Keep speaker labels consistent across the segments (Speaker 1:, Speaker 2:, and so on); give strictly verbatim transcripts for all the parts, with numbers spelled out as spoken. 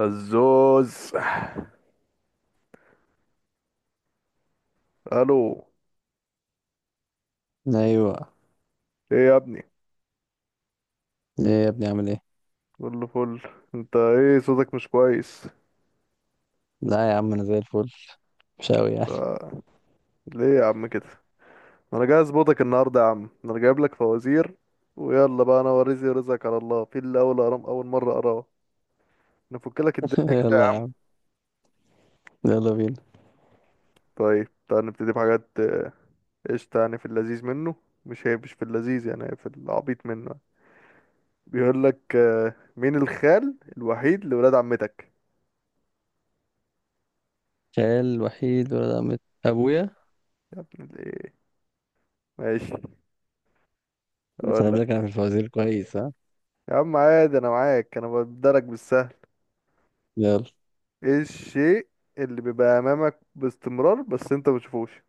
Speaker 1: الزوز. الو.
Speaker 2: ايوه.
Speaker 1: ايه يا ابني؟
Speaker 2: ايه يا ابني؟ عامل ايه؟
Speaker 1: كله فل. انت ايه صوتك مش كويس؟
Speaker 2: لا يا عم انا زي الفل. مش قوي يعني.
Speaker 1: آه، ليه يا عم كده؟ انا جاي اظبطك النهارده يا عم، انا جايب لك فوازير. ويلا بقى، انا ورزي رزقك على الله في اللي اول أرام اول مره اراه. نفك لك الدنيا كده يا
Speaker 2: يلا يا
Speaker 1: عم.
Speaker 2: عم، يلا بينا.
Speaker 1: طيب تعال نبتدي بحاجات آه، قشطة. يعني في اللذيذ منه، مش هي مش في اللذيذ، يعني هي في العبيط منه يعني. بيقول لك آه، مين الخال الوحيد لولاد عمتك؟
Speaker 2: خال وحيد ولا مت ابويا؟
Speaker 1: يا ابن الايه، ماشي.
Speaker 2: بس
Speaker 1: اقول
Speaker 2: انا بالك انا في
Speaker 1: لك،
Speaker 2: الفوازير كويس ها.
Speaker 1: يا عم عادي انا معاك، انا بدرك بالسهل.
Speaker 2: يلا.
Speaker 1: ايه الشيء اللي بيبقى امامك باستمرار بس انت مبتشوفوش؟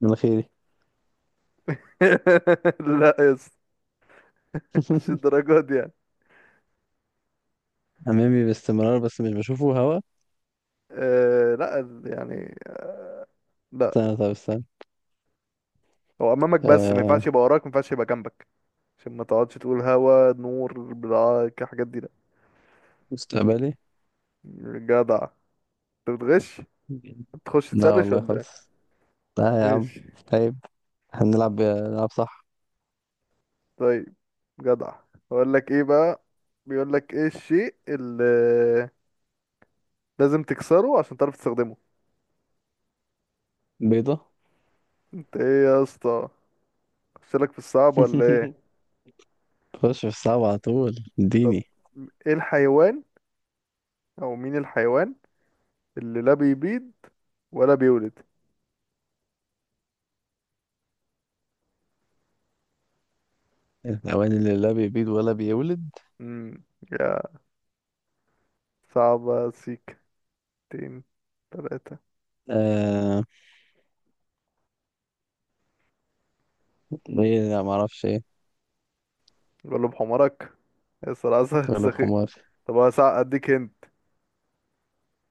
Speaker 2: من خيري.
Speaker 1: لا يا اسطى، مش الدرجات دي يعني.
Speaker 2: امامي باستمرار بس مش بشوفه هوا.
Speaker 1: آه لا يعني، لا.
Speaker 2: استنى طب استنى.
Speaker 1: هو امامك بس ما
Speaker 2: آه.
Speaker 1: ينفعش يبقى وراك، ما ينفعش يبقى جنبك، عشان ما تقعدش تقول هوا نور بتاع الحاجات دي، لا.
Speaker 2: مستقبلي.
Speaker 1: جدع. انت بتغش، تخش
Speaker 2: لا
Speaker 1: تسرش
Speaker 2: والله
Speaker 1: ولا ايه؟
Speaker 2: خالص، لا يا عم.
Speaker 1: ماشي.
Speaker 2: طيب. هنلعب نلعب صح.
Speaker 1: طيب جدع. اقول لك ايه بقى، بيقول لك ايه الشيء اللي لازم تكسره عشان تعرف تستخدمه؟
Speaker 2: بيضة.
Speaker 1: انت ايه يا اسطى؟ اخشلك في الصعب ولا ايه؟
Speaker 2: خش في الصعب على طول
Speaker 1: طب
Speaker 2: اديني.
Speaker 1: ايه الحيوان او مين الحيوان اللي لا بيبيض ولا بيولد؟
Speaker 2: الحيوان اللي لا بيبيض ولا بيولد؟
Speaker 1: امم يا صعبة سيك تين تلاتة.
Speaker 2: آه، ايه؟ لا معرفش ايه.
Speaker 1: غلب حمارك يا صراحة.
Speaker 2: ولا
Speaker 1: سخيف.
Speaker 2: بحمار.
Speaker 1: طب انا سع- اديك هنت.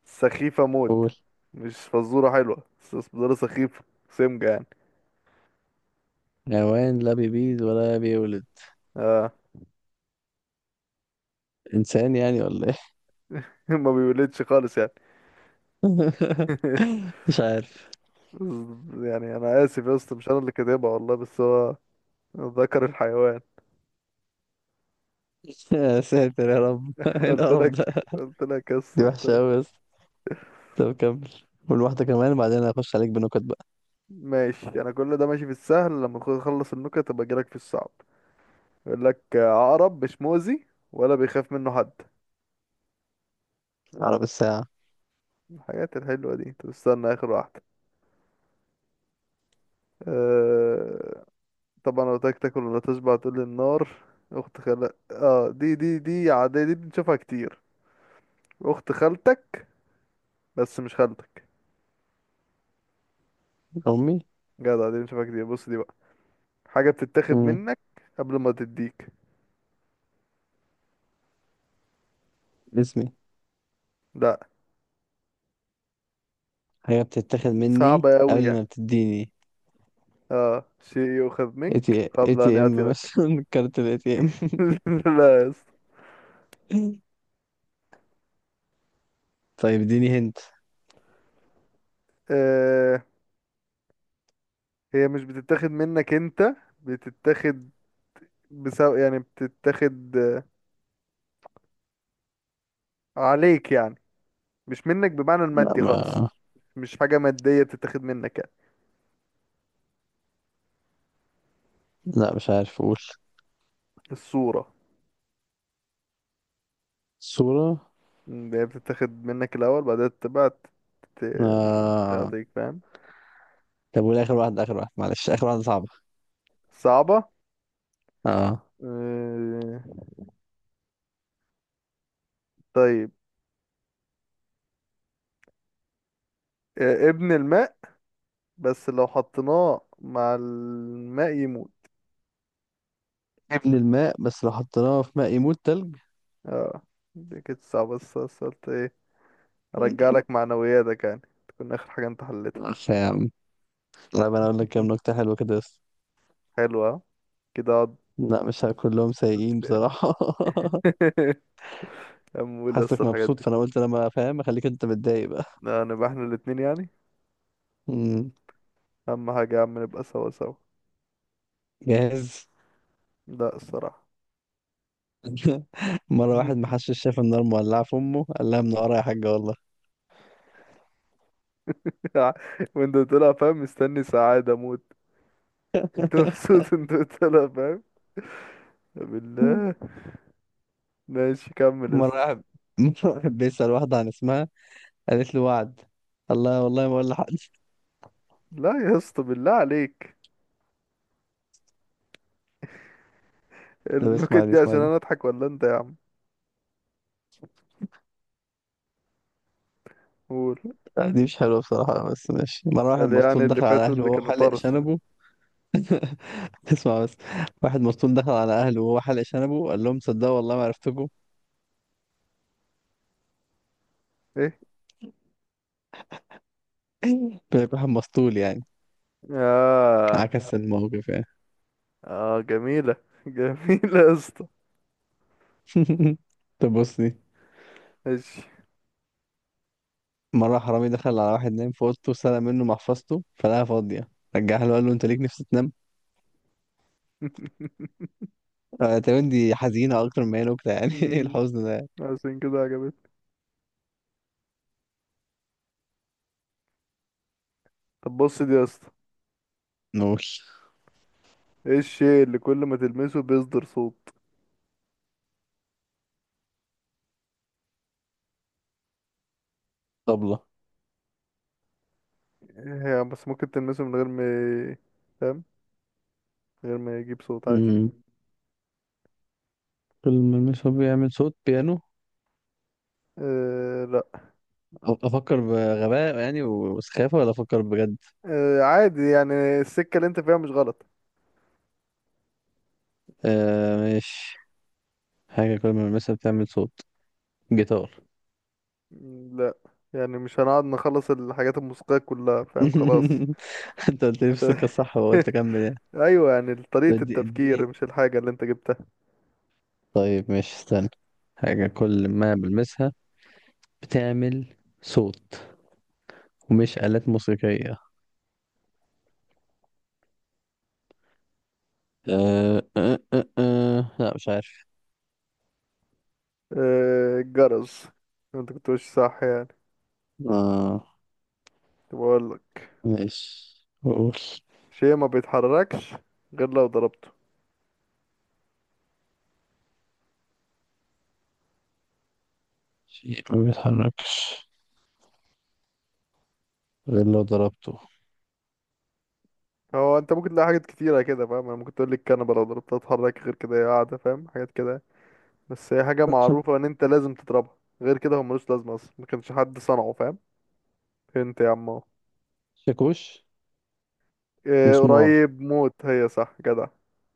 Speaker 1: سخيفة موت.
Speaker 2: قول.
Speaker 1: مش فزورة حلوة، بس فزورة سخيفة سمجة يعني.
Speaker 2: حيوان لا بيبيض ولا بيولد؟
Speaker 1: اه.
Speaker 2: انسان يعني ولا ايه؟
Speaker 1: ما بيولدش خالص يعني.
Speaker 2: مش عارف.
Speaker 1: يعني انا اسف يا اسطى، مش انا اللي كاتبها والله، بس هو ذكر الحيوان.
Speaker 2: يا ساتر يا رب. إيه
Speaker 1: قلت
Speaker 2: القرف
Speaker 1: لك
Speaker 2: ده؟
Speaker 1: قلت لك يس
Speaker 2: دي
Speaker 1: قلت
Speaker 2: وحشه قوي
Speaker 1: لك
Speaker 2: بس. طب كمل، قول واحده كمان وبعدين هخش عليك بنكت بقى.
Speaker 1: ماشي. انا كل ده ماشي في السهل، لما أخ- اخلص النكت ابقى اجيلك في الصعب. يقول لك عقرب مش مؤذي ولا بيخاف منه حد.
Speaker 2: عرب الساعه.
Speaker 1: الحاجات الحلوه دي. طب استنى اخر واحده. أه... طبعا لو تاكل تاكل ولا تشبع تقول لي النار. اخت خالك، اه دي دي دي عاديه، دي بنشوفها كتير. اخت خالتك بس مش خالتك.
Speaker 2: امي.
Speaker 1: جدع. دي بنشوفها كتير. بص، دي بقى حاجه بتتاخد
Speaker 2: امم.
Speaker 1: منك قبل ما تديك.
Speaker 2: اسمي.
Speaker 1: لا،
Speaker 2: حاجه بتتاخد
Speaker 1: دي
Speaker 2: مني
Speaker 1: صعبه قوي.
Speaker 2: قبل ما بتديني.
Speaker 1: اه، شيء يؤخذ
Speaker 2: اي تي
Speaker 1: منك
Speaker 2: اي
Speaker 1: قبل أن
Speaker 2: تي ام
Speaker 1: يأتي لك.
Speaker 2: مثلا، كارت الاي تي ام.
Speaker 1: لا يا اسطى.
Speaker 2: طيب اديني هنت.
Speaker 1: آه، هي مش بتتاخد منك انت، بتتاخد بسو... يعني بتتاخد آه، عليك يعني، مش منك بمعنى
Speaker 2: لا
Speaker 1: المادي خالص.
Speaker 2: ما.
Speaker 1: مش حاجة مادية بتتاخد منك يعني.
Speaker 2: لا مش عارف اقول.
Speaker 1: الصورة،
Speaker 2: صوره.
Speaker 1: م، هي بتتاخد منك الأول بعدها تبقى ت- ت-
Speaker 2: آه.
Speaker 1: تعطيك، فاهم؟
Speaker 2: طب والاخر واحد، اخر واحد معلش، اخر واحده صعبه.
Speaker 1: صعبة.
Speaker 2: اه.
Speaker 1: آه. طيب. آه، ابن الماء بس لو حطيناه مع الماء يموت.
Speaker 2: ابن الماء بس لو حطيناه في ماء يموت؟ تلج.
Speaker 1: اه دي كانت صعبة، بس بس قلت ايه، ارجع لك معنوياتك يعني، تكون اخر حاجة انت حلتها.
Speaker 2: عارف يا عم؟ طب انا اقول لك كام نكته حلوه كده بس.
Speaker 1: حلوة ها؟ كده اقعد.
Speaker 2: لا مش ه- كلهم سيئين بصراحه.
Speaker 1: امول بس
Speaker 2: حاسك
Speaker 1: الحاجات
Speaker 2: مبسوط
Speaker 1: دي.
Speaker 2: فانا قلت لما فاهم اخليك انت متضايق بقى.
Speaker 1: لا، نبقى احنا الاتنين يعني.
Speaker 2: مم.
Speaker 1: اهم حاجة يا عم نبقى سوا سوا.
Speaker 2: جاهز.
Speaker 1: لا الصراحة.
Speaker 2: مره واحد محشش شاف النار مولعه في امه قال لها منوره يا حاجه والله.
Speaker 1: وانت طلع فاهم، مستني سعادة موت. انت مبسوط، انت طلع فاهم بالله. ماشي كمل يا
Speaker 2: مره
Speaker 1: اسطى.
Speaker 2: واحد مرة واحد بيسال واحده عن اسمها، قالت له وعد الله، والله ما اقول لحد.
Speaker 1: لا يا اسطى بالله عليك،
Speaker 2: طب
Speaker 1: النكت
Speaker 2: اسمعني
Speaker 1: دي عشان
Speaker 2: اسمعني
Speaker 1: انا اضحك ولا انت يا عم؟ قول.
Speaker 2: لا، دي مش حلوة بصراحة بس ماشي. مرة واحد
Speaker 1: قال يعني
Speaker 2: مسطول
Speaker 1: اللي
Speaker 2: دخل على
Speaker 1: فاتوا
Speaker 2: أهله
Speaker 1: اللي
Speaker 2: وهو
Speaker 1: كانوا
Speaker 2: حلق
Speaker 1: طرش.
Speaker 2: شنبه. تسمع بس. واحد مسطول دخل على أهله وهو حلق شنبه قال لهم صدقوا والله ما عرفتكم.
Speaker 1: إيه؟
Speaker 2: بيبقى واحد مسطول يعني،
Speaker 1: اه.
Speaker 2: عكس الموقف يعني.
Speaker 1: اه جميلة، جميلة يا اسطى.
Speaker 2: طب بص دي.
Speaker 1: ماشي.
Speaker 2: مرة حرامي دخل على واحد نايم في أوضته سرق منه محفظته فلقاها فاضية، رجعها له قال له أنت ليك نفس تنام؟ آه، تقريبا دي حزينة أكتر ما هي نكتة يعني. إيه
Speaker 1: مم،
Speaker 2: الحزن ده؟
Speaker 1: عشان كده عجبتني. طب بص دي يا اسطى.
Speaker 2: نوش.
Speaker 1: ايه الشيء اللي كل ما تلمسه بيصدر صوت؟
Speaker 2: طبلة.
Speaker 1: هي بس ممكن تلمسه من غير ما ي- فاهم، من غير ما يجيب صوت عادي.
Speaker 2: أمم. كل ما المشوار بيعمل صوت بيانو.
Speaker 1: آه لا.
Speaker 2: افكر بغباء يعني وسخافه ولا افكر بجد؟
Speaker 1: آه عادي يعني، السكة اللي انت فيها مش غلط.
Speaker 2: آه ماشي. حاجه كل ما المسها بتعمل صوت. جيتار.
Speaker 1: مم، لا يعني مش هنقعد نخلص الحاجات الموسيقية كلها، فاهم؟ خلاص.
Speaker 2: انت قلت لي في السكه الصح وقلت اكمل يعني.
Speaker 1: ايوه، يعني
Speaker 2: طب
Speaker 1: طريقة
Speaker 2: إدي-
Speaker 1: التفكير
Speaker 2: اديني.
Speaker 1: مش الحاجة اللي انت جبتها.
Speaker 2: طيب ماشي، استنى. حاجه كل ما بلمسها بتعمل صوت ومش آلات موسيقيه. آه آه آه آه. لا مش عارف.
Speaker 1: آه، الجرس. انت كنت ماشي صح يعني.
Speaker 2: اه
Speaker 1: طب اقول لك،
Speaker 2: ماشي بقول.
Speaker 1: شيء ما بيتحركش غير لو ضربته.
Speaker 2: شيء ما بيتحركش غير لو ضربته.
Speaker 1: هو انت ممكن تلاقي حاجات كتيرة كده، فاهم؟ انا ممكن تقول لي الكنبة لو ضربتها تتحرك غير كده هي قاعدة، فاهم؟ حاجات كده. بس هي حاجة معروفة ان انت لازم تضربها، غير كده هو ملوش لازمة اصلا، ما كانش حد صنعه، فاهم؟ انت يا عم اهو.
Speaker 2: شاكوش.
Speaker 1: اه
Speaker 2: مسمار.
Speaker 1: قريب موت، هي صح جدع.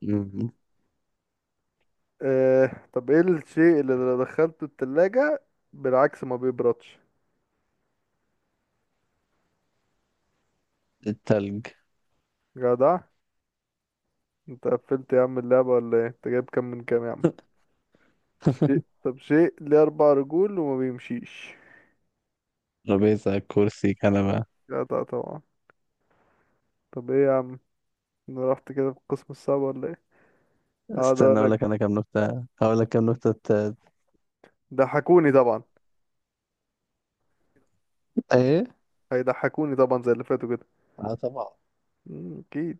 Speaker 2: مم.
Speaker 1: اه. طب ايه الشيء اللي لو دخلته التلاجة بالعكس ما بيبردش؟
Speaker 2: التلج.
Speaker 1: جدع. انت قفلت يا عم اللعبة ولا ايه؟ انت جايب كام من كام يا عم؟ شيء، طب شيء ليه أربع رجول وما بيمشيش؟
Speaker 2: ترابيزة، كرسي، كنبة.
Speaker 1: جدع طبعا. طب ايه يا عم، انا رحت كده في القسم الصعب ولا ايه؟ هقعد
Speaker 2: استنى اقول
Speaker 1: اقولك
Speaker 2: لك انا كام نكتة. هقول لك كام نكتة ت-
Speaker 1: ضحكوني طبعا،
Speaker 2: ايه.
Speaker 1: هيضحكوني طبعا زي اللي فاتوا كده.
Speaker 2: اه طبعا.
Speaker 1: مم، اكيد.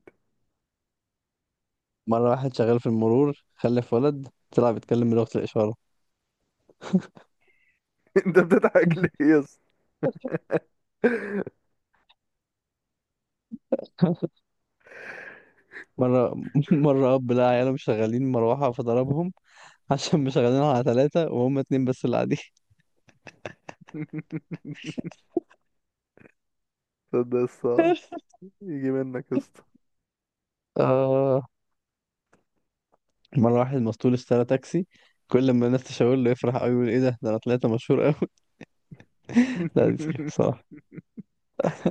Speaker 2: مرة واحد شغال في المرور خلف ولد طلع بيتكلم بلغة الإشارة.
Speaker 1: انت بتضحك ليه يا اسطى؟
Speaker 2: مرة مرة أب لقى عياله مش شغالين مروحة فضربهم. عشان مش شغالين على ثلاثة وهم اتنين بس اللي قاعدين.
Speaker 1: ده الصعب يجي منك يا اسطى.
Speaker 2: آه. مرة واحد مسطول اشترى تاكسي، كل ما الناس تشاور له يفرح قوي يقول ايه ده ده انا طلعت مشهور قوي. لا دي سخيفة صراحة.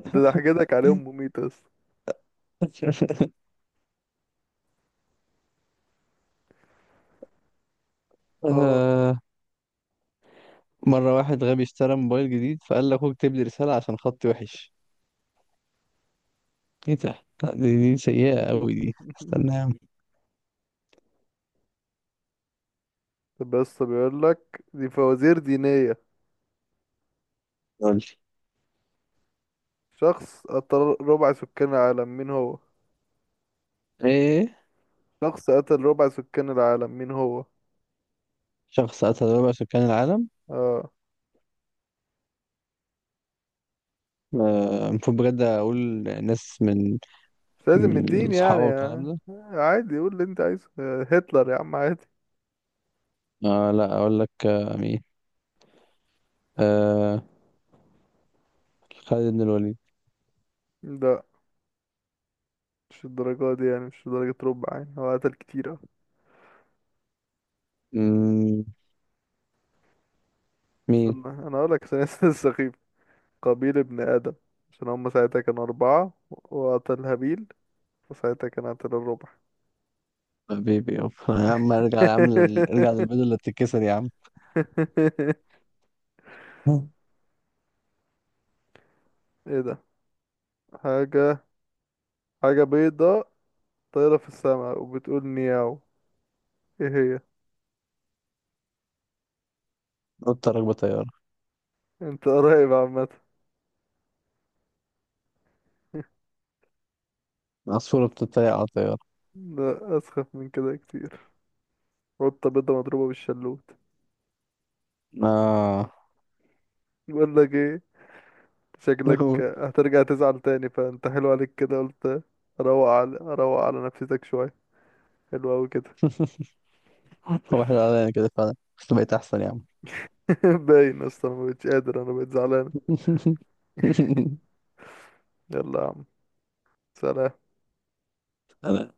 Speaker 1: انت ضحكتك عليهم مميتة يا اسطى. اه.
Speaker 2: آه. مرة واحد غبي اشترى موبايل جديد فقال لأخوه اكتب لي رسالة عشان خطي وحش. ايه ده؟ لا دي, دي سيئة أوي دي. استنى يا عم.
Speaker 1: طب بس بيقول لك دي فوازير دينية.
Speaker 2: قول لي.
Speaker 1: شخص أطر ربع سكان العالم مين هو؟
Speaker 2: ايه.
Speaker 1: شخص قتل ربع سكان العالم مين هو؟
Speaker 2: شخص قتل ربع سكان العالم؟
Speaker 1: اه.
Speaker 2: آه، المفروض بجد أقول ناس من،
Speaker 1: مش لازم
Speaker 2: من
Speaker 1: الدين يعني
Speaker 2: الصحابة والكلام
Speaker 1: آه.
Speaker 2: ده.
Speaker 1: عادي قول اللي انت عايزه، آه، هتلر يا عم عادي.
Speaker 2: آه لا أقول لك، آه مين، آه، خالد بن الوليد.
Speaker 1: لا مش الدرجة دي يعني، مش درجة ربع يعني، هو قتل كتير اه.
Speaker 2: مم، مين؟
Speaker 1: استنى انا اقول لك عشان اسم السخيف، قابيل ابن ادم، عشان هم ساعتها كانوا اربعة وقتل هابيل، وساعتها كان قتل الربع.
Speaker 2: حبيبي يابا يا عم، ارجع يا عم لل- ارجع للبيضة اللي بتتكسر يا عم.
Speaker 1: ايه ده؟ حاجة، حاجة بيضة طايرة في السماء وبتقول نياو، ايه هي؟
Speaker 2: قطة راكبة طيارة.
Speaker 1: انت قريب عامة.
Speaker 2: عصفورة بتتريق على طيارة.
Speaker 1: لا اسخف من كده كتير. قطة بيضة مضروبة بالشلوت.
Speaker 2: آه.
Speaker 1: بقول لك ايه، شكلك هترجع تزعل تاني، فانت حلو عليك كده قلت اروق على، اروق على نفسيتك شوية. حلو اوي كده.
Speaker 2: هو احنا علينا كده فعلا بس بقيت احسن يا عم.
Speaker 1: باين اصلا، ما بقتش قادر انا، بقيت زعلان. يلا يا عم، سلام.
Speaker 2: انا